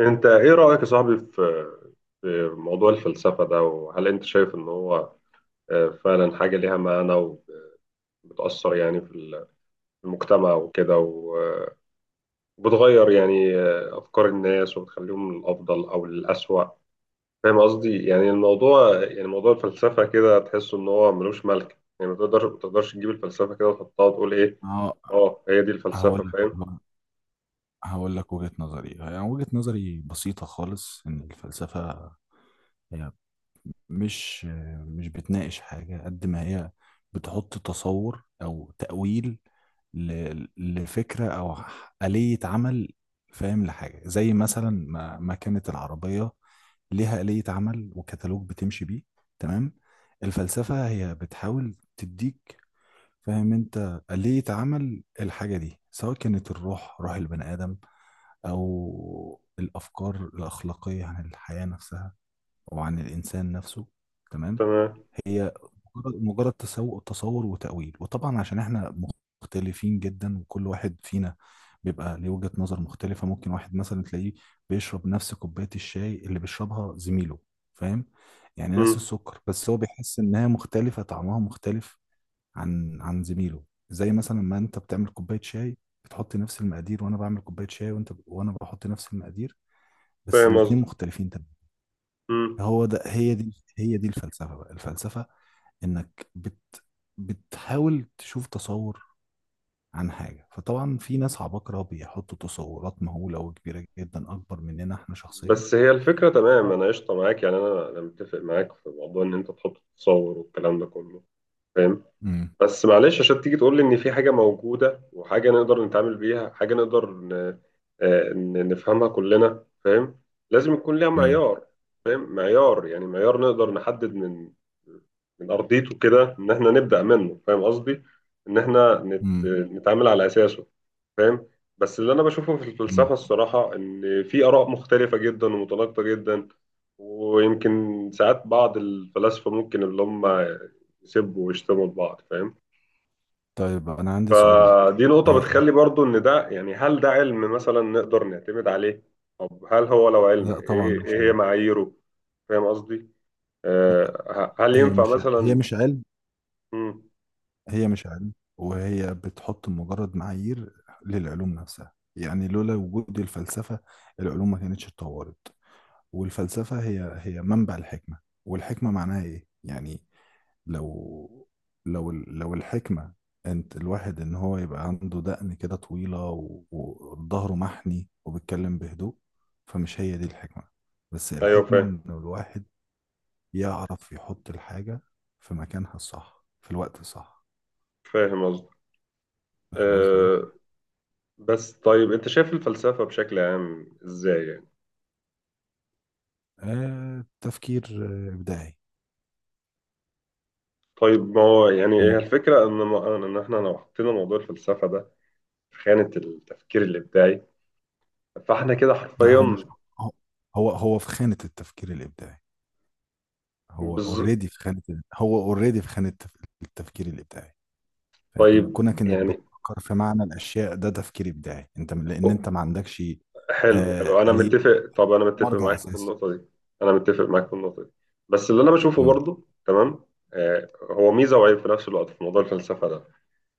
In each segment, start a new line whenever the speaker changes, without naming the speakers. انت ايه رأيك يا صاحبي في موضوع الفلسفة ده، وهل انت شايف ان هو فعلا حاجة ليها معنى، وبتأثر يعني في في المجتمع وكده، وبتغير يعني أفكار الناس وبتخليهم للأفضل أو للأسوأ؟ فاهم قصدي؟ يعني الموضوع، يعني موضوع الفلسفة كده، تحس ان هو ملوش ملك، يعني ما تقدرش تجيب الفلسفة كده وتحطها وتقول ايه؟
هو-
اه، هي دي
هقول
الفلسفة،
لك
فاهم؟
هقول لك وجهة نظري، يعني وجهة نظري بسيطة خالص إن الفلسفة هي مش مش بتناقش حاجة قد ما هي بتحط تصور أو تأويل لفكرة أو آلية عمل، فاهم؟ لحاجة زي مثلا ما كانت العربية ليها آلية عمل وكتالوج بتمشي بيه، تمام؟ الفلسفة هي بتحاول تديك فاهم انت ليه اتعمل الحاجة دي، سواء كانت الروح روح البني آدم أو الأفكار الأخلاقية عن الحياة نفسها أو عن الإنسان نفسه، تمام؟
تمام.
هي مجرد تصور وتأويل. وطبعا عشان احنا مختلفين جدا وكل واحد فينا بيبقى ليه وجهة نظر مختلفة. ممكن واحد مثلا تلاقيه بيشرب نفس كوباية الشاي اللي بيشربها زميله، فاهم؟ يعني نفس
مم.
السكر، بس هو بيحس إنها مختلفة، طعمها مختلف عن زميله. زي مثلا ما انت بتعمل كوبايه شاي بتحط نفس المقادير، وانا بعمل كوبايه شاي، وانا بحط نفس المقادير، بس
فاهم
الاتنين
قصدي.
مختلفين تماما. هو ده هي دي الفلسفه بقى. الفلسفه انك بتحاول تشوف تصور عن حاجه، فطبعا في ناس عباقره بيحطوا تصورات مهوله وكبيره جدا، اكبر مننا احنا شخصيا.
بس هي الفكرة، تمام،
آه.
أنا قشطة معاك، يعني أنا متفق معاك في موضوع إن أنت تحط تصور والكلام ده كله، فاهم.
امم
بس معلش، عشان تيجي تقول لي ان في حاجه موجوده وحاجه نقدر نتعامل بيها، حاجه نقدر نفهمها كلنا، فاهم، لازم يكون ليها
امم
معيار. فاهم؟ معيار، يعني معيار نقدر نحدد من ارضيته كده ان احنا نبدا منه، فاهم قصدي؟ ان احنا
امم
نتعامل على اساسه، فاهم. بس اللي انا بشوفه في
امم
الفلسفه الصراحه ان في اراء مختلفه جدا ومتناقضه جدا، ويمكن ساعات بعض الفلاسفه ممكن اللي هم يسبوا ويشتموا لبعض، فاهم.
طيب انا عندي سؤال ليك.
فدي نقطة
آه،
بتخلي برضو إن ده، يعني، هل ده علم مثلا نقدر نعتمد عليه؟ طب هل هو لو علم
لا طبعا،
إيه،
مش
إيه هي
علم.
معاييره؟ فاهم قصدي؟ آه. هل
هي
ينفع
مش هي
مثلا؟
مش علم
مم.
هي مش علم، وهي بتحط مجرد معايير للعلوم نفسها. يعني لولا وجود الفلسفة العلوم ما كانتش اتطورت. والفلسفة هي منبع الحكمة. والحكمة معناها ايه يعني؟ لو لو الحكمة انت الواحد ان هو يبقى عنده دقن كده طويلة وظهره محني وبيتكلم بهدوء، فمش هي دي الحكمة. بس
أيوه
الحكمة
فاهم.
ان الواحد يعرف يحط الحاجة في مكانها الصح في الوقت الصح،
فاهم قصدي.
فاهم قصدي ايه؟
آه بس طيب، أنت شايف الفلسفة بشكل عام إزاي يعني؟
آه، تفكير إبداعي.
طيب ما هو يعني هي
هم-
الفكرة إن إن إحنا لو حطينا موضوع الفلسفة ده في خانة التفكير الإبداعي، فإحنا كده
لا، هو
حرفيا
مش هو هو هو في خانة التفكير الإبداعي. هو
بز...
اوريدي في خانة التفكير الإبداعي، فاهم؟
طيب
كونك إنك
يعني،
بتفكر في معنى الأشياء، ده تفكير إبداعي. أنت لأن أنت ما عندكش
حلو حلو، انا
آلية
متفق طب انا متفق
مرجع
معاك في
أساسي.
النقطه دي. انا متفق معاك في النقطه دي، بس اللي انا بشوفه
امم
برضو، تمام. هو ميزه وعيب في نفس الوقت في موضوع الفلسفه ده،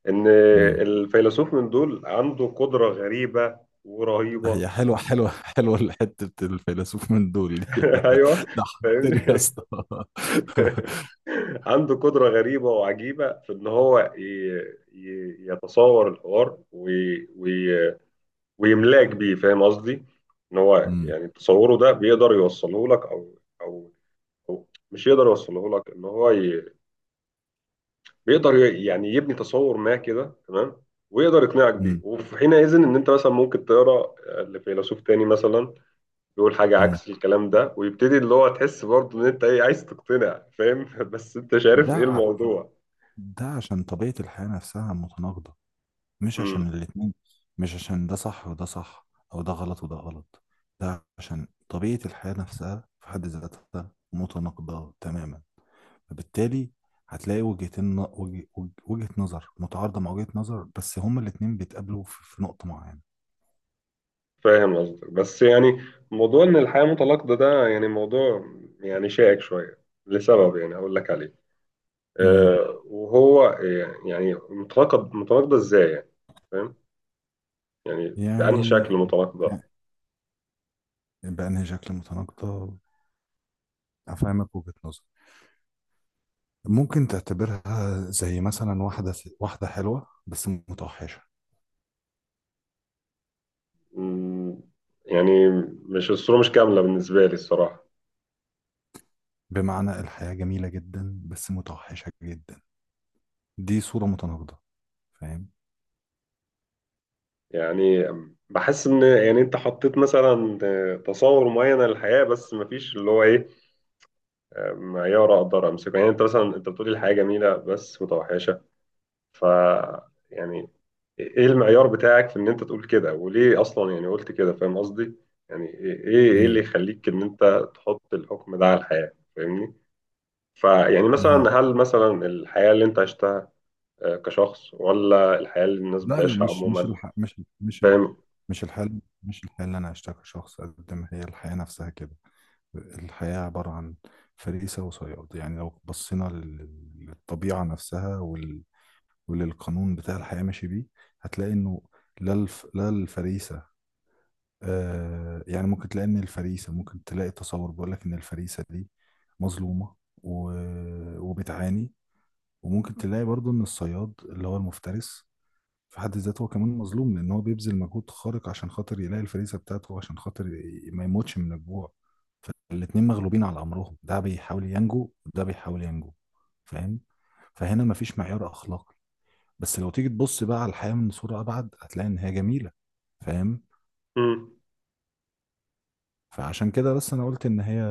ان
امم
الفيلسوف من دول عنده قدره غريبه
هي
ورهيبه.
حلوة حتة الفيلسوف من دول دي.
ايوه،
ضحكتني يا
فاهمني.
اسطى.
عنده قدره غريبه وعجيبه في ان هو يتصور الحوار ويملاك بيه، فاهم قصدي، ان هو
امم
يعني تصوره ده بيقدر يوصله لك، او او هو مش يقدر يوصله لك، ان هو بيقدر يعني يبني تصور ما كده، تمام، ويقدر يقنعك بيه،
امم
وفي حينئذ ان انت مثلا ممكن تقرا لفيلسوف تاني مثلا يقول حاجه
امم
عكس الكلام ده، ويبتدي اللي هو تحس برضه ان انت ايه عايز تقتنع، فاهم. بس انت مش عارف ايه
ده،
الموضوع.
عشان طبيعة الحياة نفسها متناقضة، مش عشان
امم
الاتنين، مش عشان ده صح وده صح، أو ده غلط وده غلط. ده عشان طبيعة الحياة نفسها في حد ذاتها متناقضة تماما. فبالتالي هتلاقي وجهتين، وجهة نظر متعارضة مع وجهة نظر، بس هما الاتنين بيتقابلوا في نقطة معينة.
فاهم قصدك، بس يعني موضوع ان الحياه متناقضه ده يعني موضوع، يعني شائك شويه، لسبب يعني هقول لك عليه.
امم.
أه، وهو يعني متناقض، متناقضه ازاي يعني، فاهم؟ يعني بأنهي
يعني
شكل مطلق ده؟
بأنهي شكل متناقضة؟ أفهمك وجهة نظر. ممكن تعتبرها زي مثلا واحدة حلوة بس متوحشة.
مم. يعني مش كاملة بالنسبة لي الصراحة.
بمعنى الحياة جميلة جدا بس متوحشة جدا. دي صورة متناقضة، فاهم؟
يعني بحس إن، يعني أنت حطيت مثلا تصور معين للحياة، بس مفيش اللي هو إيه، معيار أقدر أمسكه. يعني أنت مثلا، أنت بتقولي الحياة جميلة بس متوحشة، ف يعني إيه المعيار بتاعك في إن أنت تقول كده، وليه أصلا يعني قلت كده، فاهم قصدي؟ يعني إيه، اللي
مم.
يخليك إن أنت تحط الحكم ده على الحياة، فاهمني؟ فيعني
مم.
مثلا، هل مثلا الحياة اللي أنت عشتها كشخص، ولا الحياة اللي الناس
لا
بتعيشها
مش مش
عموما،
الح... مش ال- مش ال...
فاهم؟
مش الحياة، مش الحياة اللي أنا عشتها كشخص، قد ما هي الحياة نفسها كده. الحياة عبارة عن فريسة وصياد. يعني لو بصينا للطبيعة نفسها وللقانون بتاع الحياة ماشي بيه، هتلاقي إنه لا الفريسة، آه يعني ممكن تلاقي ان الفريسه، ممكن تلاقي تصور بيقول لك ان الفريسه دي مظلومه و... وبتعاني. وممكن تلاقي برضو ان الصياد اللي هو المفترس في حد ذاته هو كمان مظلوم، لان هو بيبذل مجهود خارق عشان خاطر يلاقي الفريسه بتاعته، عشان خاطر ما يموتش من الجوع. الاتنين مغلوبين على امرهم، ده بيحاول ينجو وده بيحاول ينجو، فاهم؟ فهنا مفيش معيار اخلاقي. بس لو تيجي تبص بقى على الحياه من صوره ابعد هتلاقي ان هي جميله، فاهم؟
مم.
فعشان كده بس انا قلت ان هي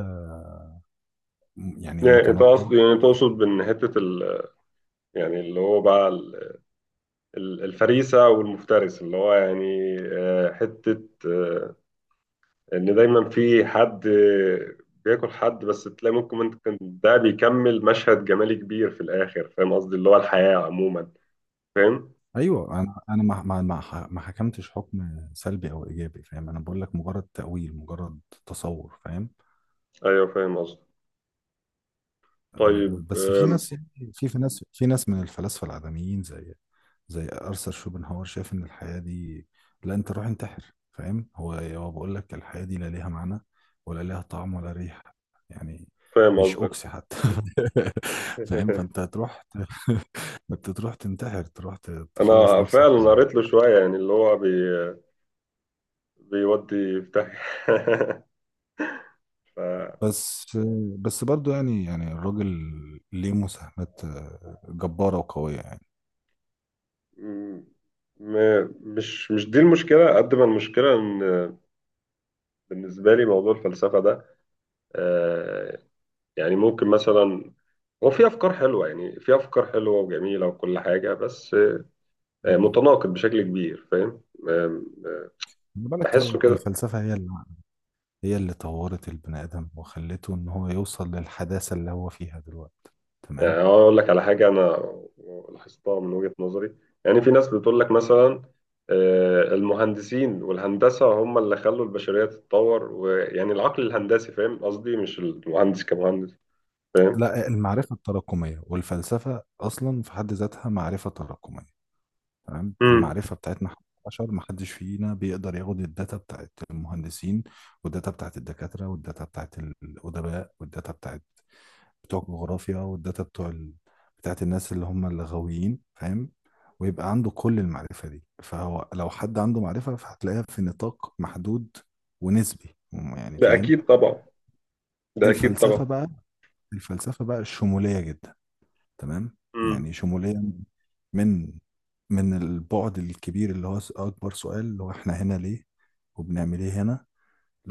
يعني
يعني ده قصدي،
متناقضة.
يعني تقصد بإن يعني اللي هو بقى الفريسة والمفترس، اللي هو يعني حتة، إن دايما في حد بياكل حد، بس تلاقي ممكن انت كان ده بيكمل مشهد جمالي كبير في الآخر، فاهم قصدي؟ اللي هو الحياة عموما، فاهم.
ايوه، انا ما حكمتش حكم سلبي او ايجابي، فاهم؟ انا بقول لك مجرد تأويل، مجرد تصور، فاهم؟
أيوه فاهم قصدي. طيب،
أه، بس في ناس يعني، في ناس من الفلاسفة العدميين زي ارثر شوبنهاور، شايف ان الحياة دي، لا انت روح انتحر، فاهم؟ هو بقول لك الحياة دي لا ليها معنى ولا ليها طعم ولا ريحة، يعني
فاهم
مش
قصدك.
اوكسي حتى. فاهم؟ فانت انت تروح تنتحر، تروح تخلص
انا
نفسك
فعلا
من،
قريت له شويه، يعني اللي هو بيودي في داهية. ف
بس بس برضو يعني، يعني الراجل ليه مساهمات جبارة وقوية يعني.
م- مش دي المشكلة قد ما المشكلة، إن بالنسبة لي موضوع الفلسفة ده، آه، يعني ممكن مثلا، هو في أفكار حلوة، يعني في أفكار حلوة وجميلة وكل حاجة، بس
مم.
متناقض بشكل كبير، فاهم. آه، آه،
خلي بالك، هي
بحسه كده.
الفلسفة هي اللي طورت البني آدم وخلته إن هو يوصل للحداثة اللي هو فيها دلوقتي،
يعني
تمام؟
أنا أقول لك على حاجة أنا لاحظتها من وجهة نظري. يعني في ناس بتقول لك مثلا المهندسين والهندسة هم اللي خلوا البشرية تتطور، ويعني العقل الهندسي، فاهم قصدي، مش المهندس كمهندس، فاهم.
لا، المعرفة التراكمية، والفلسفة أصلا في حد ذاتها معرفة تراكمية، تمام؟
مم.
المعرفة بتاعتنا إحنا البشر، محدش فينا بيقدر ياخد الداتا بتاعت المهندسين والداتا بتاعت الدكاترة والداتا بتاعت الأدباء والداتا بتاعت بتوع الجغرافيا بتاعت الناس اللي هم الغاويين، فاهم؟ ويبقى عنده كل المعرفة دي. فهو لو حد عنده معرفة فهتلاقيها في نطاق محدود ونسبي يعني،
ده
فاهم؟
أكيد طبعا، ده أكيد طبعا.
الفلسفة بقى، الفلسفة بقى شمولية جدا، تمام؟
مم.
يعني شمولية من البعد الكبير اللي هو أكبر سؤال، اللي هو إحنا هنا ليه وبنعمل إيه هنا،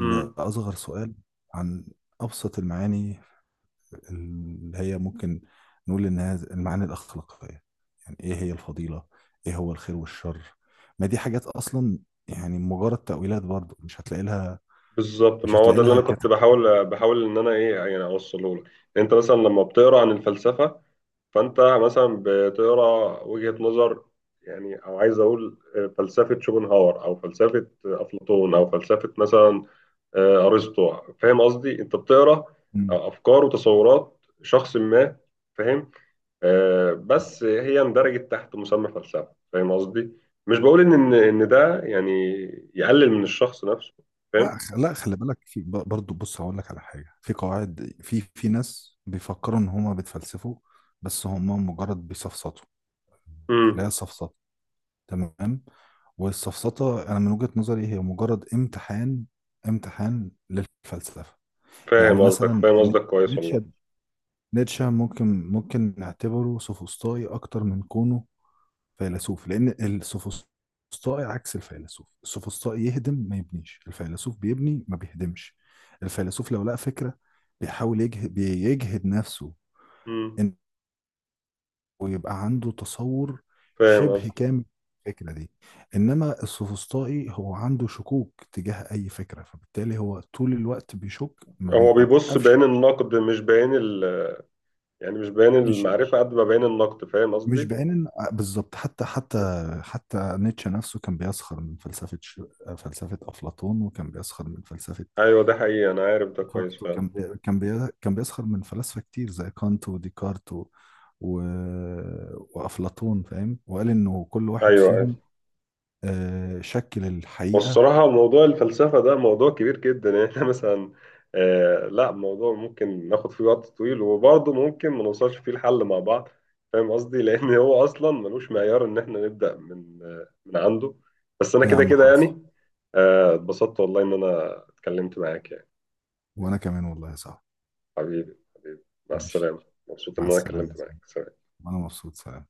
مم.
سؤال عن أبسط المعاني اللي هي ممكن نقول إنها المعاني الأخلاقية. يعني إيه هي الفضيلة؟ إيه هو الخير والشر؟ ما دي حاجات أصلا يعني مجرد تأويلات، برضو مش هتلاقي لها،
بالظبط،
مش
ما هو
هتلاقي
ده اللي
لها
أنا
كت...
كنت بحاول إن أنا إيه يعني أوصله لك. أنت مثلا لما بتقرأ عن الفلسفة، فانت مثلا بتقرا وجهة نظر، يعني او عايز اقول فلسفة شوبنهاور او فلسفة افلاطون او فلسفة مثلا ارسطو، فاهم قصدي، انت بتقرا
مم.
افكار وتصورات شخص ما، فاهم. بس هي اندرجت تحت مسمى فلسفة، فاهم قصدي، مش بقول ان إن ده يعني يقلل من الشخص نفسه، فاهم.
لا خلي بالك، برضو بص هقول لك على حاجة، في قواعد، في في ناس بيفكروا ان هما بيتفلسفوا بس هما مجرد بيسفسطوا. لا،
امم
سفسطة، تمام؟ والسفسطة انا من وجهة نظري هي مجرد امتحان، امتحان للفلسفة. يعني
فاهم قصدك،
مثلا،
فاهم قصدك كويس والله.
نيتشه نيتشه ممكن، نعتبره سوفسطائي اكتر من كونه فيلسوف، لان السوفسطائي عكس الفيلسوف. السوفسطائي يهدم ما يبنيش، الفيلسوف بيبني ما بيهدمش. الفيلسوف لو لقى فكرة بيحاول يجهد، بيجهد نفسه
امم
انه يبقى عنده تصور
فاهم
شبه
قصدك.
كامل الفكرة دي. انما السوفسطائي هو عنده شكوك تجاه اي فكرة، فبالتالي هو طول الوقت بيشك، ما
هو بيبص
بيوقفش.
بعين النقد، مش بعين يعني مش بيان
مش
المعرفة قد ما بيان النقد، فاهم
مش
قصدي؟
بعين بالظبط. حتى حتى نيتشه نفسه كان بيسخر من فلسفة أفلاطون، وكان بيسخر من فلسفة
أيوه، ده حقيقي، أنا عارف ده كويس
ديكارت،
فعلا.
وكان بي... كان بي... كان بيسخر من فلاسفة كتير زي كانت وديكارت و... وأفلاطون، فاهم؟ وقال إنه كل واحد
أيوه، أيوه.
فيهم شكل الحقيقة.
والصراحة موضوع الفلسفة ده موضوع كبير جدا يعني. إحنا مثلا لا، موضوع ممكن ناخد فيه وقت طويل، وبرضه ممكن ما نوصلش فيه الحل مع بعض، فاهم قصدي؟ لأن هو أصلا ملوش معيار إن إحنا نبدأ من من عنده. بس أنا
يا
كده
عم
كده
خلص،
يعني، اتبسطت والله إن أنا اتكلمت معاك يعني.
وأنا كمان والله يا صاحبي.
حبيبي حبيبي، مع
ماشي،
السلامة. مبسوط
مع
إن أنا
السلامة يا
اتكلمت معاك.
زميلي.
سلام.
وأنا مبسوط، سلام.